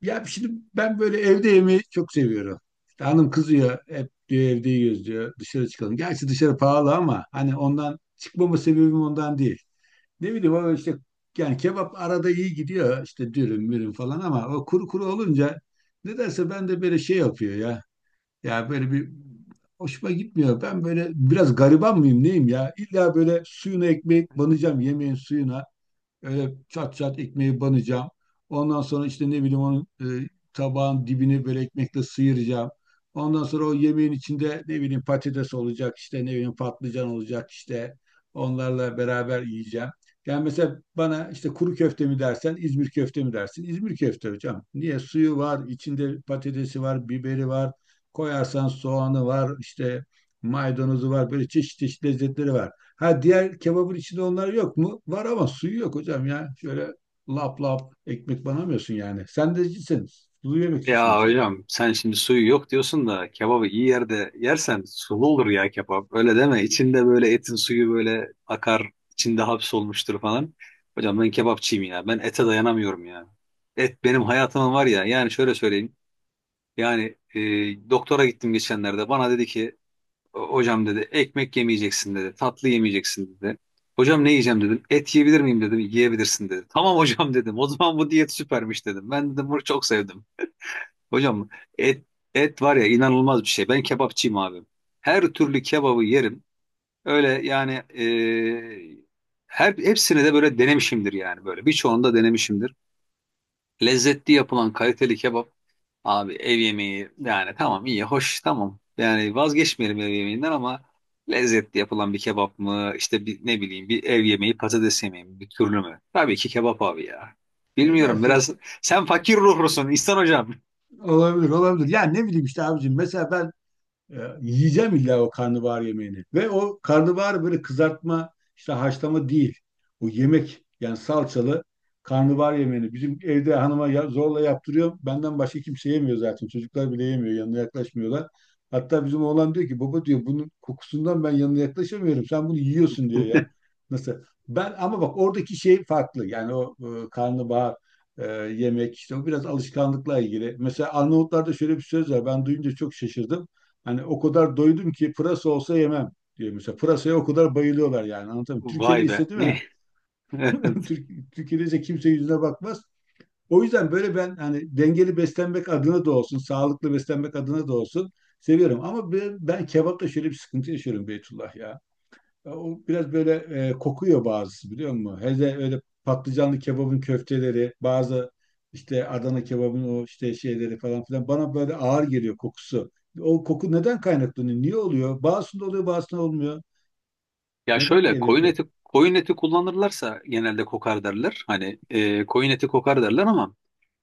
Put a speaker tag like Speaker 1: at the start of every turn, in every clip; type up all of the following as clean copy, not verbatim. Speaker 1: Ya şimdi ben böyle evde yemeği çok seviyorum. İşte hanım kızıyor hep diyor evde yiyoruz diyor dışarı çıkalım. Gerçi dışarı pahalı ama hani ondan çıkmama sebebim ondan değil. Ne bileyim o işte yani kebap arada iyi gidiyor işte dürüm mürüm falan ama o kuru kuru olunca nedense ben de böyle şey yapıyor ya. Ya böyle bir hoşuma gitmiyor. Ben böyle biraz gariban mıyım neyim ya? İlla böyle suyunu ekmek banacağım yemeğin suyuna. Öyle çat çat ekmeği banacağım. Ondan sonra işte ne bileyim onun tabağın dibini böyle ekmekle sıyıracağım. Ondan sonra o yemeğin içinde ne bileyim patates olacak işte ne bileyim patlıcan olacak işte onlarla beraber yiyeceğim. Yani mesela bana işte kuru köfte mi dersen İzmir köfte mi dersin? İzmir köfte hocam. Niye? Suyu var, içinde patatesi var, biberi var, koyarsan soğanı var, işte maydanozu var, böyle çeşit çeşit lezzetleri var. Ha diğer kebabın içinde onlar yok mu? Var ama suyu yok hocam ya. Şöyle lap lap ekmek banamıyorsun yani. Sendecisin. Sulu yemekçisin
Speaker 2: Ya
Speaker 1: sen.
Speaker 2: hocam sen şimdi suyu yok diyorsun da kebabı iyi yerde yersen sulu olur ya kebap. Öyle deme. İçinde böyle etin suyu böyle akar, içinde hapsolmuştur falan. Hocam ben kebapçıyım ya. Ben ete dayanamıyorum ya. Et benim hayatımın var ya. Yani şöyle söyleyeyim. Yani doktora gittim geçenlerde. Bana dedi ki hocam dedi ekmek yemeyeceksin dedi. Tatlı yemeyeceksin dedi. Hocam ne yiyeceğim dedim. Et yiyebilir miyim dedim. Yiyebilirsin dedi. Tamam hocam dedim. O zaman bu diyet süpermiş dedim. Ben dedim bunu çok sevdim. Hocam et et var ya inanılmaz bir şey. Ben kebapçıyım abi. Her türlü kebabı yerim. Öyle yani her hepsini de böyle denemişimdir yani böyle. Birçoğunu da denemişimdir. Lezzetli yapılan kaliteli kebap abi ev yemeği yani tamam iyi hoş tamam. Yani vazgeçmeyelim ev yemeğinden ama lezzetli yapılan bir kebap mı işte bir, ne bileyim bir ev yemeği patates yemeği mi bir türlü mü? Tabii ki kebap abi ya. Bilmiyorum
Speaker 1: Nedense
Speaker 2: biraz
Speaker 1: işte,
Speaker 2: sen fakir ruhlusun İhsan hocam.
Speaker 1: olabilir olabilir. Yani ne bileyim işte abicim. Mesela ben yiyeceğim illa o karnabahar yemeğini. Ve o karnabahar böyle kızartma, işte haşlama değil. O yemek yani salçalı karnabahar yemeğini. Bizim evde hanıma zorla yaptırıyor. Benden başka kimse yemiyor zaten. Çocuklar bile yemiyor. Yanına yaklaşmıyorlar. Hatta bizim oğlan diyor ki baba diyor bunun kokusundan ben yanına yaklaşamıyorum. Sen bunu yiyorsun diyor ya. Nasıl? Ben ama bak oradaki şey farklı. Yani o karnabahar yemek işte o biraz alışkanlıkla ilgili. Mesela Arnavutlarda şöyle bir söz var. Ben duyunca çok şaşırdım. Hani o kadar doydum ki pırasa olsa yemem diyor mesela. Pırasaya o kadar bayılıyorlar yani anlatamıyorum. Türkiye'de
Speaker 2: Vay
Speaker 1: ise
Speaker 2: be.
Speaker 1: değil mi?
Speaker 2: Evet.
Speaker 1: Türkiye'de ise kimse yüzüne bakmaz. O yüzden böyle ben hani dengeli beslenmek adına da olsun, sağlıklı beslenmek adına da olsun seviyorum. Ama ben kebapta şöyle bir sıkıntı yaşıyorum Beytullah ya. Ya o biraz böyle kokuyor bazısı biliyor musun? Hele öyle patlıcanlı kebabın köfteleri, bazı işte Adana kebabın o işte şeyleri falan filan bana böyle ağır geliyor kokusu. O koku neden kaynaklanıyor? Niye oluyor? Bazısında oluyor, bazısında olmuyor.
Speaker 2: Ya
Speaker 1: Neden
Speaker 2: şöyle
Speaker 1: geliyor?
Speaker 2: koyun eti koyun eti kullanırlarsa genelde kokar derler. Hani koyun eti kokar derler ama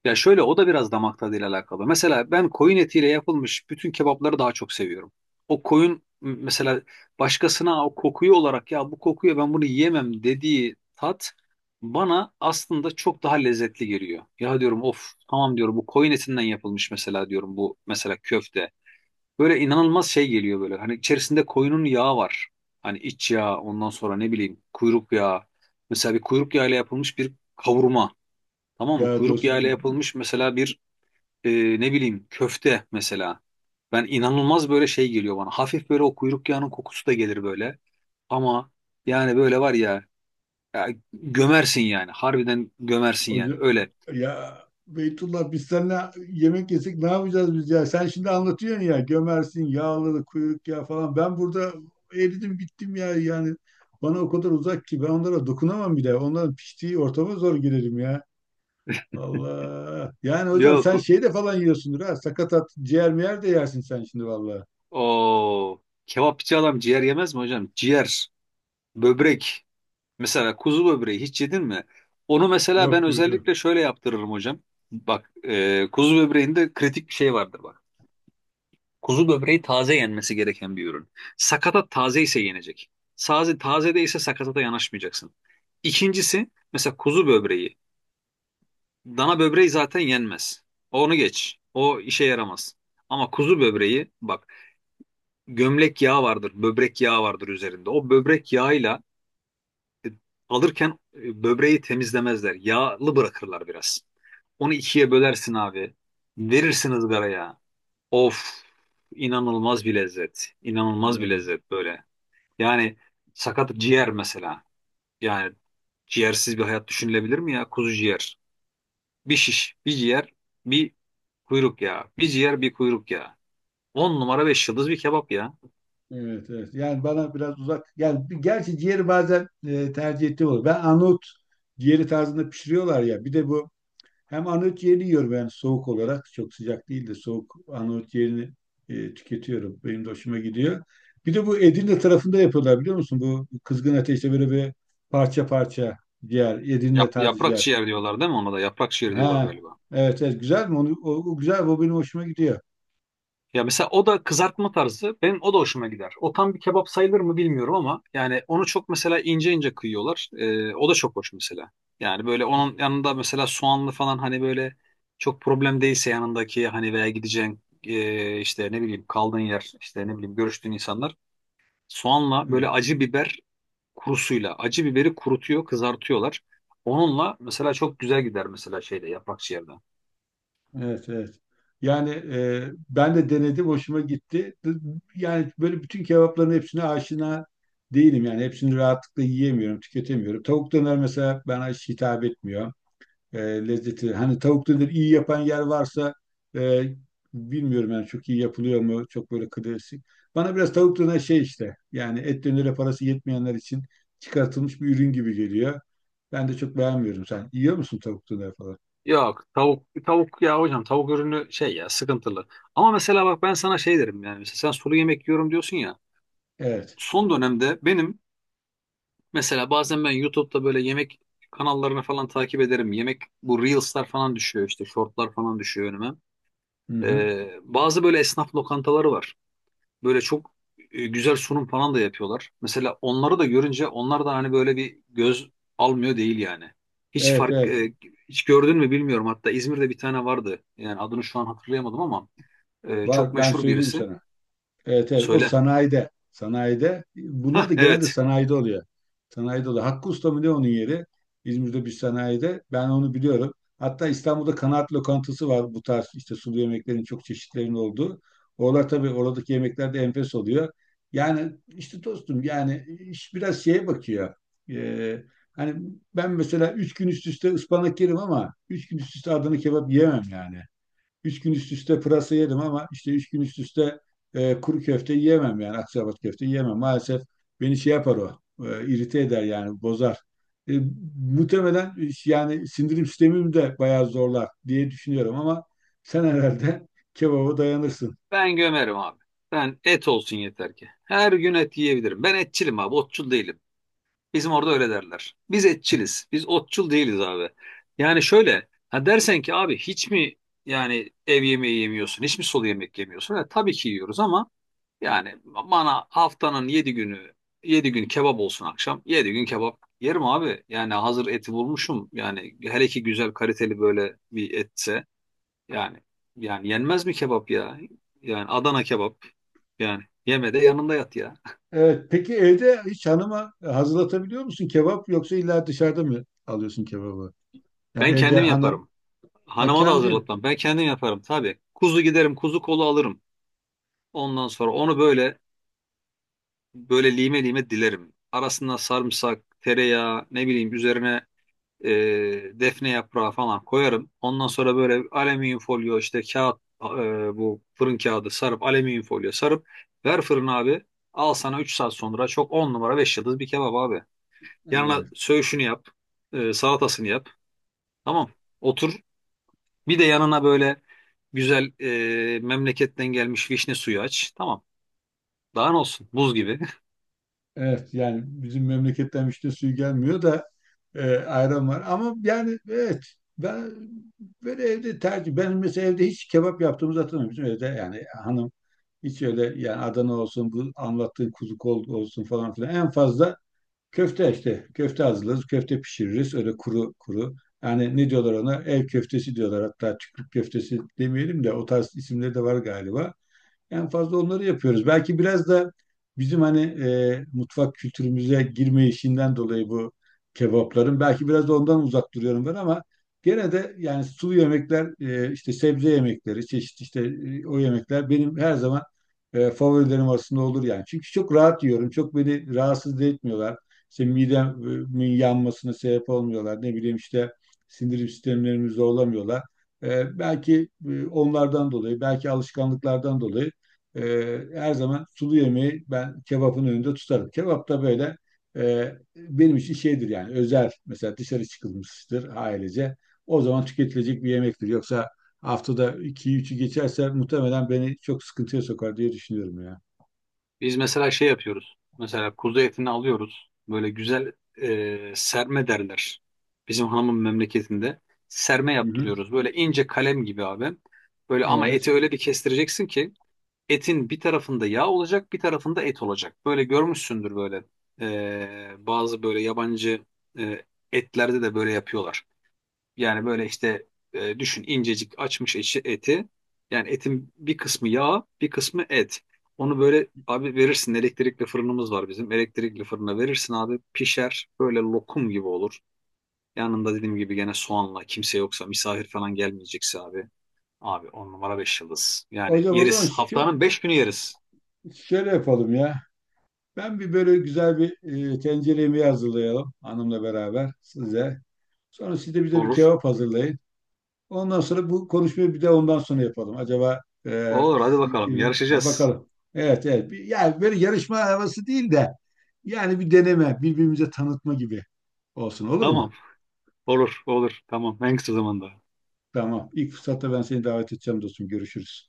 Speaker 2: ya şöyle o da biraz damak tadıyla alakalı. Mesela ben koyun etiyle yapılmış bütün kebapları daha çok seviyorum. O koyun mesela başkasına o kokuyu olarak ya bu kokuyor ben bunu yiyemem dediği tat bana aslında çok daha lezzetli geliyor. Ya diyorum of tamam diyorum bu koyun etinden yapılmış mesela diyorum bu mesela köfte. Böyle inanılmaz şey geliyor böyle. Hani içerisinde koyunun yağı var. Hani iç yağı, ondan sonra ne bileyim kuyruk yağı. Mesela bir kuyruk yağıyla yapılmış bir kavurma. Tamam mı?
Speaker 1: Ya
Speaker 2: Kuyruk
Speaker 1: dost
Speaker 2: yağıyla yapılmış mesela bir e, ne bileyim köfte mesela. Ben inanılmaz böyle şey geliyor bana. Hafif böyle o kuyruk yağının kokusu da gelir böyle. Ama yani böyle var ya, ya gömersin yani. Harbiden gömersin yani.
Speaker 1: Hoca,
Speaker 2: Öyle.
Speaker 1: ya Beytullah biz seninle yemek yesek ne yapacağız biz ya? Sen şimdi anlatıyorsun ya gömersin, yağlı, kuyruk ya falan. Ben burada eridim bittim ya yani. Bana o kadar uzak ki ben onlara dokunamam bile. Onların piştiği ortama zor girerim ya. Allah. Yani hocam sen
Speaker 2: Yok
Speaker 1: şey de falan yiyorsundur ha. Sakatat, ciğer miyer de yersin sen şimdi vallahi.
Speaker 2: o kebapçı adam ciğer yemez mi hocam? Ciğer, böbrek. Mesela kuzu böbreği hiç yedin mi? Onu mesela ben
Speaker 1: Yok
Speaker 2: özellikle şöyle yaptırırım hocam. Bak kuzu böbreğinde kritik bir şey vardır bak. Kuzu böbreği taze yenmesi gereken bir ürün. Sakatat taze ise yenecek. Taze, taze değilse sakatata yanaşmayacaksın. İkincisi mesela kuzu böbreği. Dana böbreği zaten yenmez. Onu geç. O işe yaramaz. Ama kuzu böbreği bak gömlek yağı vardır, böbrek yağı vardır üzerinde. O böbrek yağıyla e, alırken böbreği temizlemezler. Yağlı bırakırlar biraz. Onu ikiye bölersin abi. Verirsin ızgaraya. Of inanılmaz bir lezzet. İnanılmaz bir
Speaker 1: hocam.
Speaker 2: lezzet böyle. Yani sakat ciğer mesela. Yani ciğersiz bir hayat düşünülebilir mi ya? Kuzu ciğer. Bir şiş, bir ciğer, bir kuyruk ya. Bir ciğer, bir kuyruk ya. 10 numara 5 yıldız bir kebap ya.
Speaker 1: Evet, evet. Yani bana biraz uzak. Yani gerçi ciğeri bazen tercih ettiğim olur. Ben Arnavut ciğeri tarzında pişiriyorlar ya. Bir de bu hem Arnavut ciğeri yiyorum yani soğuk olarak. Çok sıcak değil de soğuk Arnavut ciğerini tüketiyorum. Benim de hoşuma gidiyor. Bir de bu Edirne tarafında yapıyorlar biliyor musun? Bu kızgın ateşte böyle bir parça parça ciğer. Edirne
Speaker 2: Yap-
Speaker 1: tarzı
Speaker 2: yaprak
Speaker 1: ciğer.
Speaker 2: ciğer diyorlar değil mi ona da? Yaprak ciğer diyorlar
Speaker 1: Ha,
Speaker 2: galiba.
Speaker 1: evet, evet. Güzel mi? Onu, o güzel. O benim hoşuma gidiyor.
Speaker 2: Ya mesela o da kızartma tarzı. Benim o da hoşuma gider. O tam bir kebap sayılır mı bilmiyorum ama yani onu çok mesela ince ince kıyıyorlar. O da çok hoş mesela. Yani böyle onun yanında mesela soğanlı falan hani böyle çok problem değilse yanındaki hani veya gideceğin işte ne bileyim kaldığın yer işte ne bileyim görüştüğün insanlar soğanla böyle
Speaker 1: Evet.
Speaker 2: acı biber kurusuyla acı biberi kurutuyor kızartıyorlar. Onunla mesela çok güzel gider mesela şeyde yaprak ciğerde.
Speaker 1: Evet, evet. Yani ben de denedim, hoşuma gitti. Yani böyle bütün kebapların hepsine aşina değilim. Yani hepsini rahatlıkla yiyemiyorum, tüketemiyorum. Tavuk döner mesela bana hiç hitap etmiyor. Lezzeti. Hani tavuk döner iyi yapan yer varsa e, bilmiyorum yani çok iyi yapılıyor mu? Çok böyle klasik. Bana biraz tavuk döner şey işte. Yani et dönere parası yetmeyenler için çıkartılmış bir ürün gibi geliyor. Ben de çok beğenmiyorum. Sen yiyor musun tavuk döner falan?
Speaker 2: Yok tavuk ya hocam tavuk ürünü şey ya sıkıntılı. Ama mesela bak ben sana şey derim yani mesela sen sulu yemek yiyorum diyorsun ya.
Speaker 1: Evet.
Speaker 2: Son dönemde benim mesela bazen ben YouTube'da böyle yemek kanallarını falan takip ederim. Yemek bu Reels'lar falan düşüyor işte shortlar falan düşüyor önüme.
Speaker 1: Hı hı.
Speaker 2: Bazı böyle esnaf lokantaları var. Böyle çok güzel sunum falan da yapıyorlar. Mesela onları da görünce onlar da hani böyle bir göz almıyor değil yani. Hiç
Speaker 1: Evet,
Speaker 2: fark
Speaker 1: evet.
Speaker 2: e, hiç gördün mü bilmiyorum. Hatta İzmir'de bir tane vardı. Yani adını şu an hatırlayamadım ama çok
Speaker 1: Var ben
Speaker 2: meşhur
Speaker 1: söyleyeyim
Speaker 2: birisi.
Speaker 1: sana. Evet evet o
Speaker 2: Söyle.
Speaker 1: sanayide. Sanayide. Bunlar
Speaker 2: Hah
Speaker 1: da genelde
Speaker 2: evet.
Speaker 1: sanayide oluyor. Sanayide oluyor. Hakkı Usta mı ne onun yeri? İzmir'de bir sanayide. Ben onu biliyorum. Hatta İstanbul'da kanaat lokantası var bu tarz işte sulu yemeklerin çok çeşitlerinin olduğu. Oralar tabii oradaki yemekler de enfes oluyor. Yani işte dostum yani iş biraz şeye bakıyor. Ee, hani ben mesela üç gün üst üste ıspanak yerim ama üç gün üst üste Adana kebap yiyemem yani. Üç gün üst üste pırasa yedim ama işte üç gün üst üste kuru köfte yiyemem yani akçaabat köfte yiyemem. Maalesef beni şey yapar o, irite eder yani bozar. E, muhtemelen yani sindirim sistemimi de bayağı zorlar diye düşünüyorum ama sen herhalde kebaba dayanırsın.
Speaker 2: Ben gömerim abi. Ben et olsun yeter ki. Her gün et yiyebilirim. Ben etçilim abi, otçul değilim. Bizim orada öyle derler. Biz etçiliz. Biz otçul değiliz abi. Yani şöyle ha dersen ki abi hiç mi yani ev yemeği yemiyorsun? Hiç mi sulu yemek yemiyorsun? Ha, tabii ki yiyoruz ama yani bana haftanın 7 günü 7 gün kebap olsun akşam. 7 gün kebap yerim abi. Yani hazır eti bulmuşum. Yani hele ki güzel kaliteli böyle bir etse yani yani yenmez mi kebap ya? Yani Adana kebap. Yani yeme de yanında yat ya.
Speaker 1: Evet, peki evde hiç hanıma hazırlatabiliyor musun kebap yoksa illa dışarıda mı alıyorsun kebabı? Yani
Speaker 2: Ben
Speaker 1: evde
Speaker 2: kendim
Speaker 1: hanım,
Speaker 2: yaparım.
Speaker 1: ha
Speaker 2: Hanıma da
Speaker 1: kendin.
Speaker 2: hazırlatmam. Ben kendim yaparım tabii. Kuzu giderim, kuzu kolu alırım. Ondan sonra onu böyle lime lime dilerim. Arasına sarımsak, tereyağı, ne bileyim üzerine e, defne yaprağı falan koyarım. Ondan sonra böyle alüminyum folyo işte bu fırın kağıdı sarıp alüminyum folyo sarıp ver fırına abi. Al sana 3 saat sonra çok 10 numara 5 yıldız bir kebap abi. Yanına
Speaker 1: Evet,
Speaker 2: söğüşünü yap, salatasını yap. Tamam. Otur. Bir de yanına böyle güzel memleketten gelmiş vişne suyu aç. Tamam. Daha ne olsun? Buz gibi.
Speaker 1: evet yani bizim memleketten işte suyu gelmiyor da ayran var. Ama yani evet ben böyle evde tercih. Ben mesela evde hiç kebap yaptığımızı hatırlamıyorum. Bizim evde yani hanım hiç öyle yani Adana olsun bu anlattığın kuzu kol olsun falan filan. En fazla köfte işte köfte hazırlarız. Köfte pişiririz öyle kuru kuru. Yani ne diyorlar ona? Ev köftesi diyorlar. Hatta çiftlik köftesi demeyelim de o tarz isimleri de var galiba. En fazla onları yapıyoruz. Belki biraz da bizim hani mutfak kültürümüze girme işinden dolayı bu kebapların. Belki biraz da ondan uzak duruyorum ben ama gene de yani sulu yemekler, işte sebze yemekleri, çeşit işte o yemekler benim her zaman favorilerim arasında olur yani. Çünkü çok rahat yiyorum. Çok beni rahatsız da etmiyorlar. İşte midemin yanmasına sebep olmuyorlar. Ne bileyim işte sindirim sistemlerimizi zorlamıyorlar. Belki onlardan dolayı, belki alışkanlıklardan dolayı her zaman sulu yemeği ben kebapın önünde tutarım. Kebap da böyle benim için şeydir yani özel mesela dışarı çıkılmıştır ailece. O zaman tüketilecek bir yemektir. Yoksa haftada 2 üçü geçerse muhtemelen beni çok sıkıntıya sokar diye düşünüyorum ya.
Speaker 2: Biz mesela şey yapıyoruz. Mesela kuzu etini alıyoruz. Böyle güzel serme derler. Bizim hanımın memleketinde serme
Speaker 1: Hı hı.
Speaker 2: yaptırıyoruz. Böyle ince kalem gibi abi. Böyle ama
Speaker 1: Evet.
Speaker 2: eti öyle bir kestireceksin ki etin bir tarafında yağ olacak, bir tarafında et olacak. Böyle görmüşsündür böyle. Bazı böyle yabancı e, etlerde de böyle yapıyorlar. Yani böyle işte düşün incecik açmış eşi eti. Yani etin bir kısmı yağ, bir kısmı et. Onu böyle abi verirsin elektrikli fırınımız var bizim. Elektrikli fırına verirsin abi pişer böyle lokum gibi olur. Yanında dediğim gibi gene soğanla kimse yoksa misafir falan gelmeyecekse abi. Abi 10 numara 5 yıldız. Yani
Speaker 1: Hocam o zaman
Speaker 2: yeriz. Haftanın 5 günü yeriz.
Speaker 1: şöyle yapalım ya. Ben bir böyle güzel bir tencere yemeği hazırlayalım hanımla beraber size. Sonra siz de bize bir
Speaker 2: Olur.
Speaker 1: kebap hazırlayın. Ondan sonra bu konuşmayı bir de ondan sonra yapalım. Acaba
Speaker 2: Olur hadi
Speaker 1: sizinki
Speaker 2: bakalım
Speaker 1: mi? Ha,
Speaker 2: yarışacağız.
Speaker 1: bakalım. Evet evet. Bir, yani böyle yarışma havası değil de yani bir deneme, birbirimize tanıtma gibi olsun olur
Speaker 2: Tamam.
Speaker 1: mu?
Speaker 2: Olur olur. Tamam en kısa zamanda.
Speaker 1: Tamam. İlk fırsatta ben seni davet edeceğim dostum. Görüşürüz.